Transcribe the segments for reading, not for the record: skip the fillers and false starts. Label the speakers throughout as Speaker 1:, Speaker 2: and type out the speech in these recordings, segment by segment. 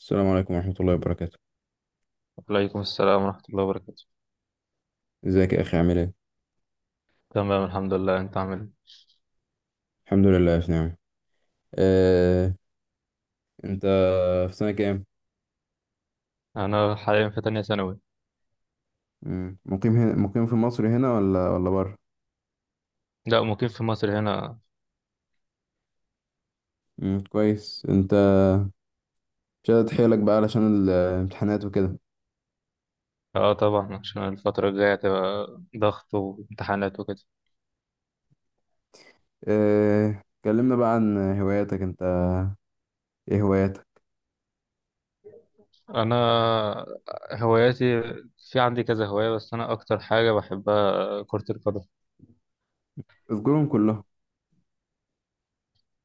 Speaker 1: السلام عليكم ورحمة الله وبركاته.
Speaker 2: وعليكم السلام ورحمة الله وبركاته.
Speaker 1: ازيك يا أخي، عامل ايه؟
Speaker 2: تمام الحمد لله، انت عامل ايه؟
Speaker 1: الحمد لله في نعمة. آه، أنت في سنة كام؟
Speaker 2: انا حاليا في تانية ثانوي.
Speaker 1: مقيم في مصر هنا ولا بره؟
Speaker 2: لا مقيم في مصر هنا.
Speaker 1: كويس. أنت مش قادر حيلك بقى علشان الامتحانات وكده.
Speaker 2: اه طبعا عشان الفترة الجاية هتبقى ضغط وامتحانات وكده.
Speaker 1: كلمنا بقى عن هواياتك. أنت ايه هواياتك؟
Speaker 2: انا هواياتي، في عندي كذا هواية بس انا اكتر حاجة بحبها كرة القدم.
Speaker 1: اذكرهم كلهم.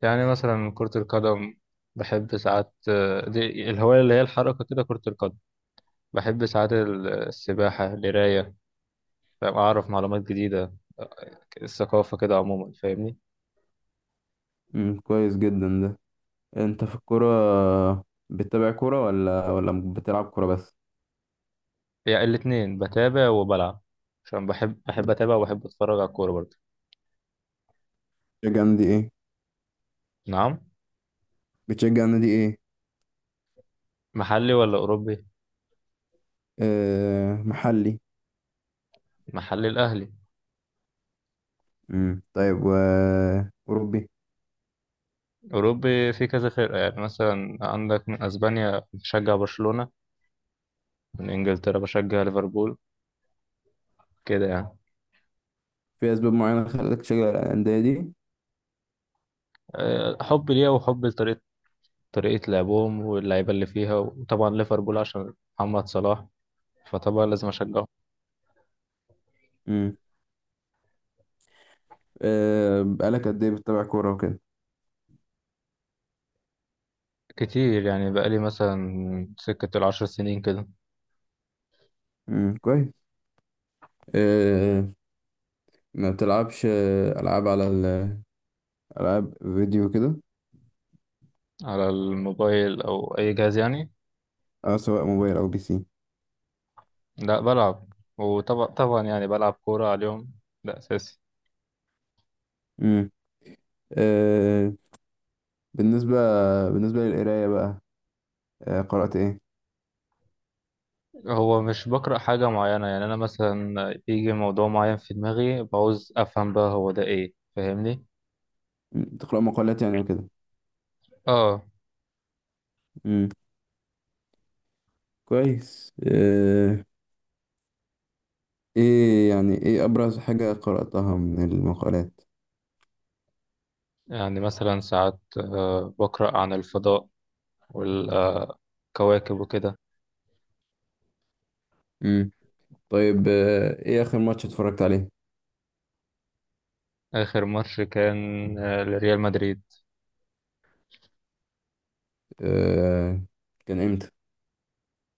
Speaker 2: يعني مثلا كرة القدم بحب ساعات، دي الهواية اللي هي الحركة كده كرة القدم. بحب ساعات السباحة، القراية، فاهم؟ أعرف معلومات جديدة، الثقافة كده عموما، فاهمني؟
Speaker 1: كويس جدا ده. أنت في الكورة بتتابع كورة ولا بتلعب كورة بس؟
Speaker 2: يعني الاتنين، بتابع وبلعب عشان بحب اتابع وبحب اتفرج على الكورة برضه.
Speaker 1: بتشجع نادي ايه؟
Speaker 2: نعم،
Speaker 1: بتشجع نادي ايه؟
Speaker 2: محلي ولا اوروبي؟
Speaker 1: آه، محلي.
Speaker 2: محلي الاهلي.
Speaker 1: امم، طيب. و أوروبي؟
Speaker 2: اوروبي في كذا فرقة، يعني مثلا عندك من اسبانيا بشجع برشلونة، من انجلترا بشجع ليفربول، كده يعني.
Speaker 1: في أسباب معينة خلتك تشجع الأندية دي؟
Speaker 2: حب ليها وحب لطريقة لعبهم واللعيبة اللي فيها، وطبعا ليفربول عشان محمد صلاح، فطبعا لازم أشجعه.
Speaker 1: امم. آه، بقالك قد إيه بتتابع كورة وكده؟
Speaker 2: كتير يعني، بقالي مثلا سكة ال10 سنين كده.
Speaker 1: امم، كويس. آه. ما بتلعبش ألعاب على ألعاب فيديو كده؟
Speaker 2: على الموبايل أو أي جهاز يعني؟
Speaker 1: أه، سواء موبايل أو بي سي.
Speaker 2: لا بلعب، وطبعا يعني بلعب كورة على اليوم، ده أساسي.
Speaker 1: امم. آه. بالنسبة بالنسبة للقراية بقى، آه، قرأت إيه؟
Speaker 2: هو مش بقرأ حاجة معينة، يعني أنا مثلا يجي موضوع معين في دماغي بعوز أفهم بقى هو ده إيه، فاهمني؟
Speaker 1: تقرأ مقالات يعني وكده؟
Speaker 2: آه.
Speaker 1: امم، كويس. آه، إيه أبرز حاجة قرأتها من المقالات؟
Speaker 2: يعني مثلا ساعات بقرأ عن الفضاء والكواكب وكده.
Speaker 1: طيب، ايه اخر ماتش اتفرجت عليه؟
Speaker 2: آخر ماتش كان لريال مدريد.
Speaker 1: آه، كان امتى؟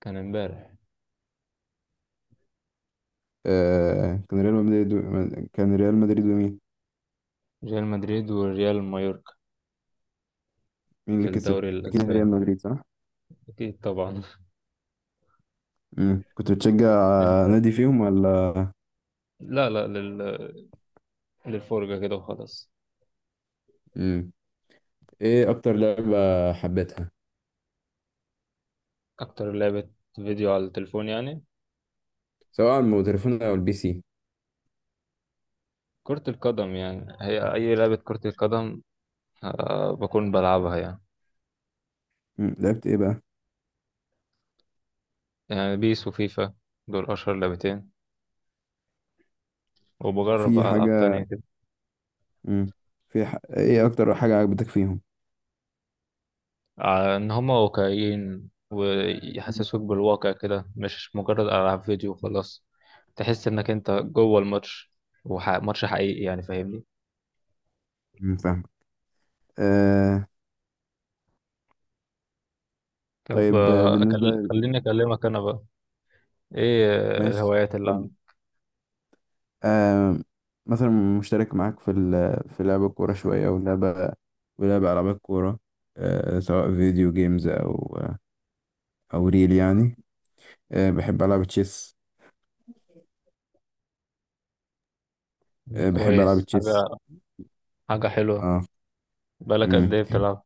Speaker 2: كان امبارح.
Speaker 1: كان ريال مدريد ومين؟
Speaker 2: ريال مدريد والريال مايوركا،
Speaker 1: مين اللي
Speaker 2: في
Speaker 1: كسب؟
Speaker 2: الدوري
Speaker 1: اكيد ريال
Speaker 2: الأسباني.
Speaker 1: مدريد، صح؟
Speaker 2: أكيد طبعا.
Speaker 1: امم، كنت بتشجع نادي فيهم ولا؟
Speaker 2: لا لا لل... للفرجة كده وخلاص.
Speaker 1: امم. ايه اكتر لعبة حبيتها؟
Speaker 2: أكتر لعبة فيديو على التليفون يعني؟
Speaker 1: سواء على التليفون او البي سي.
Speaker 2: كرة القدم يعني، هي أي لعبة كرة القدم بكون بلعبها يعني.
Speaker 1: امم، لعبت ايه بقى؟
Speaker 2: يعني بيس وفيفا، دول أشهر 2، وبجرب
Speaker 1: في
Speaker 2: بقى ألعاب تانية
Speaker 1: حاجة
Speaker 2: كده.
Speaker 1: امم، ايه اكتر حاجة عجبتك فيهم؟
Speaker 2: إن هما واقعيين ويحسسوك بالواقع كده، مش مجرد ألعاب فيديو وخلاص. تحس إنك أنت جوه الماتش، وماتش حقيقي يعني، فاهمني؟
Speaker 1: امم، فاهم. آه...
Speaker 2: طب
Speaker 1: طيب، آه، بالنسبة
Speaker 2: خليني أكلمك أنا بقى. إيه
Speaker 1: ماشي،
Speaker 2: الهوايات
Speaker 1: اتفضل.
Speaker 2: اللي
Speaker 1: آه مثلا مشترك معاك في في لعب الكورة شوية ولعب ألعاب الكورة، آه، سواء فيديو جيمز أو ريل يعني. آه، بحب ألعب تشيس. آه،
Speaker 2: عندك؟
Speaker 1: بحب ألعب
Speaker 2: كويس
Speaker 1: تشيس.
Speaker 2: حاجة، حاجة حلوة.
Speaker 1: اه.
Speaker 2: بقالك قد
Speaker 1: امم،
Speaker 2: إيه بتلعب؟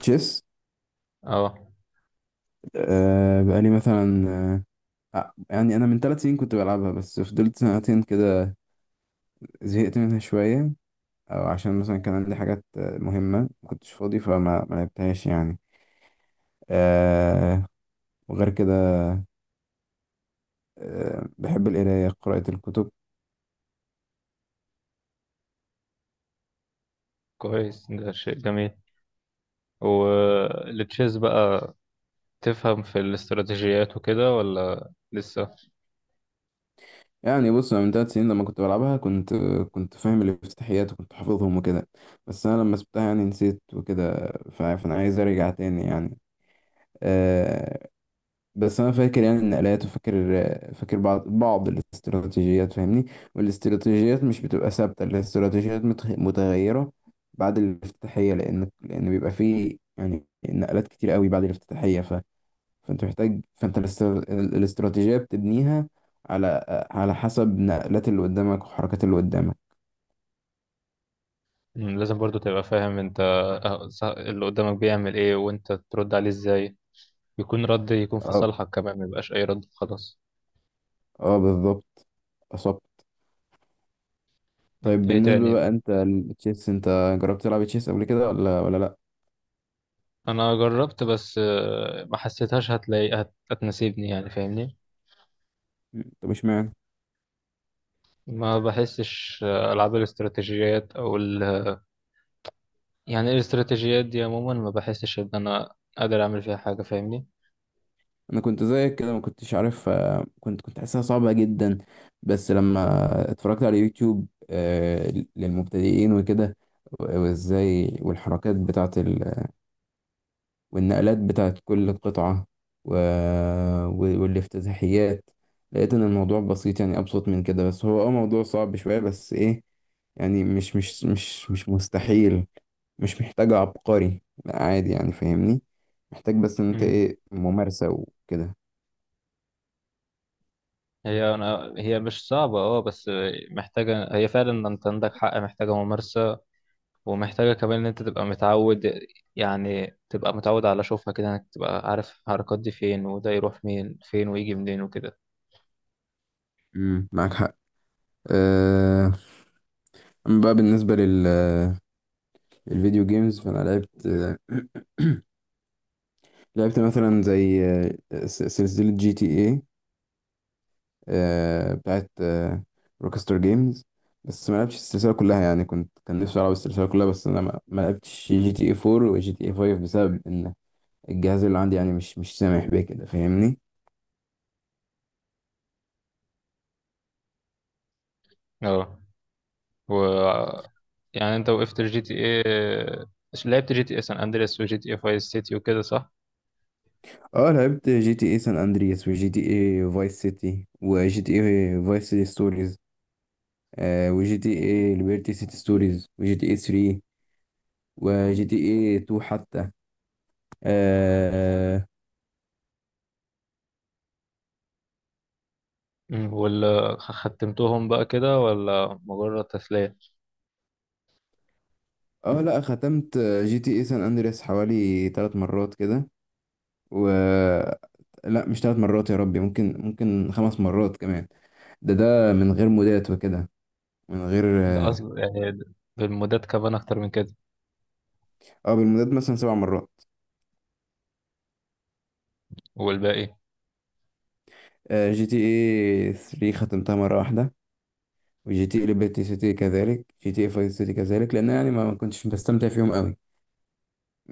Speaker 1: تشيس.
Speaker 2: اه.
Speaker 1: آه بقالي مثلا آه آه، يعني أنا من 3 سنين كنت بلعبها، بس فضلت سنتين كده زهقت منها شوية. أو عشان مثلا كان عندي حاجات مهمة مكنتش فاضي، فما ما لعبتهاش يعني. آه، وغير كده، بحب القراية، قراءة الكتب.
Speaker 2: كويس، ده شيء جميل. والتشيز بقى، تفهم في الاستراتيجيات وكده ولا لسه؟
Speaker 1: يعني بص، أنا من 3 سنين لما كنت بلعبها كنت فاهم الافتتاحيات وكنت حافظهم وكده، بس أنا لما سبتها يعني نسيت وكده، فأنا عايز أرجع تاني يعني. آه، بس أنا فاكر يعني النقلات وفاكر بعض الاستراتيجيات فاهمني. والاستراتيجيات مش بتبقى ثابتة، الاستراتيجيات متغيرة بعد الافتتاحية، لأن بيبقى فيه يعني نقلات كتير قوي بعد الافتتاحية. فانت محتاج، فانت الاستراتيجية بتبنيها على حسب نقلات اللي قدامك وحركات اللي قدامك.
Speaker 2: مم، لازم برضو تبقى فاهم انت اللي قدامك بيعمل ايه وانت ترد عليه ازاي، يكون رد يكون في
Speaker 1: اه.
Speaker 2: صالحك كمان، ما يبقاش اي رد خلاص.
Speaker 1: اه، بالظبط، اصبت. طيب
Speaker 2: ايه
Speaker 1: بالنسبة
Speaker 2: تاني
Speaker 1: بقى
Speaker 2: بقى؟
Speaker 1: انت التشيس، انت جربت تلعب تشيس قبل كده ولا لا؟
Speaker 2: انا جربت بس ما حسيتهاش هتناسبني يعني، فاهمني؟
Speaker 1: طب اشمعنى؟
Speaker 2: ما بحسش العاب الاستراتيجيات او ال... يعني الاستراتيجيات دي عموما ما بحسش ان انا قادر اعمل فيها حاجة، فاهمني؟
Speaker 1: انا كنت زيك كده ما كنتش عارف. كنت حاسسها صعبة جدا. بس لما اتفرجت على يوتيوب للمبتدئين وكده، وازاي، والحركات بتاعة والنقلات بتاعت كل قطعة، و... والافتتاحيات، لقيت إن الموضوع بسيط، يعني أبسط من كده. بس هو موضوع صعب شوية بس إيه، يعني مش مستحيل. مش محتاج عبقري، لا عادي يعني فاهمني. محتاج بس إن أنت
Speaker 2: مم.
Speaker 1: إيه ممارسة وكده.
Speaker 2: هي مش صعبة اه، بس محتاجة، هي فعلا انت عندك حق، محتاجة ممارسة، ومحتاجة كمان ان انت تبقى متعود، يعني تبقى متعود على شوفها كده، انك تبقى عارف الحركات دي فين، وده يروح مين فين ويجي منين وكده.
Speaker 1: امم، معاك حق. أه... أما بقى بالنسبة الفيديو جيمز فأنا لعبت. لعبت مثلا زي سلسلة جي تي اي، بتاعت روكستر جيمز، بس ما لعبتش السلسلة كلها. يعني كان نفسي ألعب السلسلة كلها، بس أنا ما لعبتش جي تي اي 4 وجي تي اي 5 بسبب إن الجهاز اللي عندي يعني مش سامح بيه كده فاهمني.
Speaker 2: اه. و يعني انت وقفت الجي تي ايه؟ لعبت جي تي ايه سان اندريس وجي تي ايه فايس سيتي وكده، صح؟
Speaker 1: اه، لعبت جي تي اي سان أندرياس وجي تي اي فايس سيتي وجي تي اي فايس سيتي ستوريز، وجي تي اي ليبرتي سيتي ستوريز وجي تي اي 3 وجي تي اي 2 حتى. اه.
Speaker 2: مم. ولا ختمتهم بقى كده ولا مجرد تسلية؟
Speaker 1: لا، ختمت جي تي اي سان أندرياس حوالي 3 مرات كده. و لا، مش 3 مرات، يا ربي، ممكن 5 مرات كمان. ده من غير مودات وكده، من غير
Speaker 2: ده اصلا يعني بالمودات كمان اكتر من كده.
Speaker 1: آه، بالمودات مثلا 7 مرات.
Speaker 2: والباقي؟
Speaker 1: جي تي اي 3 ختمتها مرة واحدة. وجي تي اي ليبرتي سيتي كذلك، جي تي اي 5 سيتي كذلك، لان يعني ما كنتش بستمتع فيهم قوي.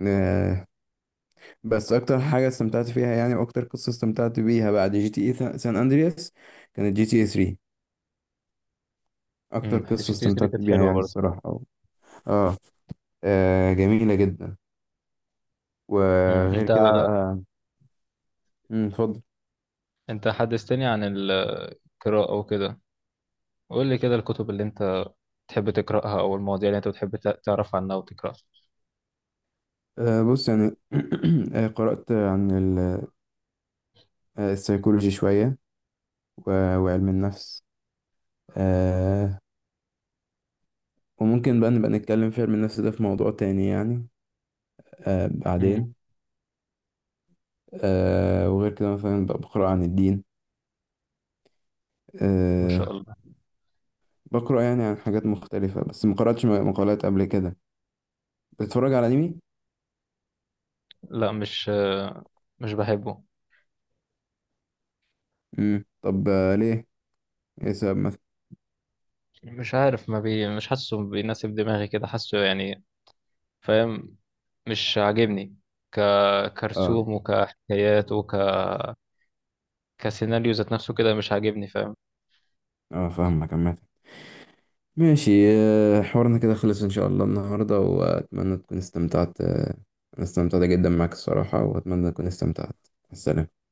Speaker 1: آه، بس اكتر حاجة استمتعت فيها، يعني واكتر قصة استمتعت بيها بعد جي تي اي سان اندرياس كانت جي تي اي 3. اكتر
Speaker 2: امم،
Speaker 1: قصة
Speaker 2: حسيت دي
Speaker 1: استمتعت
Speaker 2: كانت
Speaker 1: بيها
Speaker 2: حلوة
Speaker 1: يعني
Speaker 2: برضه.
Speaker 1: الصراحة اه. جميلة جدا.
Speaker 2: امم.
Speaker 1: وغير
Speaker 2: انت
Speaker 1: كده بقى. مم، اتفضل.
Speaker 2: انت حدثتني عن القراءة وكده، قول لي كده الكتب اللي انت بتحب تقرأها او المواضيع اللي انت بتحب تعرف عنها وتقرأها.
Speaker 1: بص يعني. قرأت عن السيكولوجي شوية وعلم النفس. آه، وممكن بقى نبقى نتكلم في علم النفس ده في موضوع تاني يعني،
Speaker 2: امم،
Speaker 1: بعدين. وغير كده مثلا بقى بقرأ عن الدين.
Speaker 2: ما
Speaker 1: آه،
Speaker 2: شاء الله.
Speaker 1: بقرأ يعني عن حاجات مختلفة، بس ما قرأتش مقالات قبل كده. بتتفرج على أنمي؟
Speaker 2: لا مش، مش بحبه.
Speaker 1: مم. طب ليه؟ إيه السبب مثلا؟
Speaker 2: مش عارف، ما بي مش حاسه بيناسب دماغي كده، حاسه يعني، فاهم؟ مش عاجبني، ك
Speaker 1: اه.
Speaker 2: كرسوم وكحكايات وك كسيناريو ذات نفسه كده مش عاجبني، فاهم؟
Speaker 1: اه، فاهمك عامة. ماشي. آه، حوارنا كده خلص ان شاء الله النهارده، واتمنى تكون استمتعت. انا استمتعت جدا معك الصراحة، واتمنى تكون استمتعت. مع السلامة.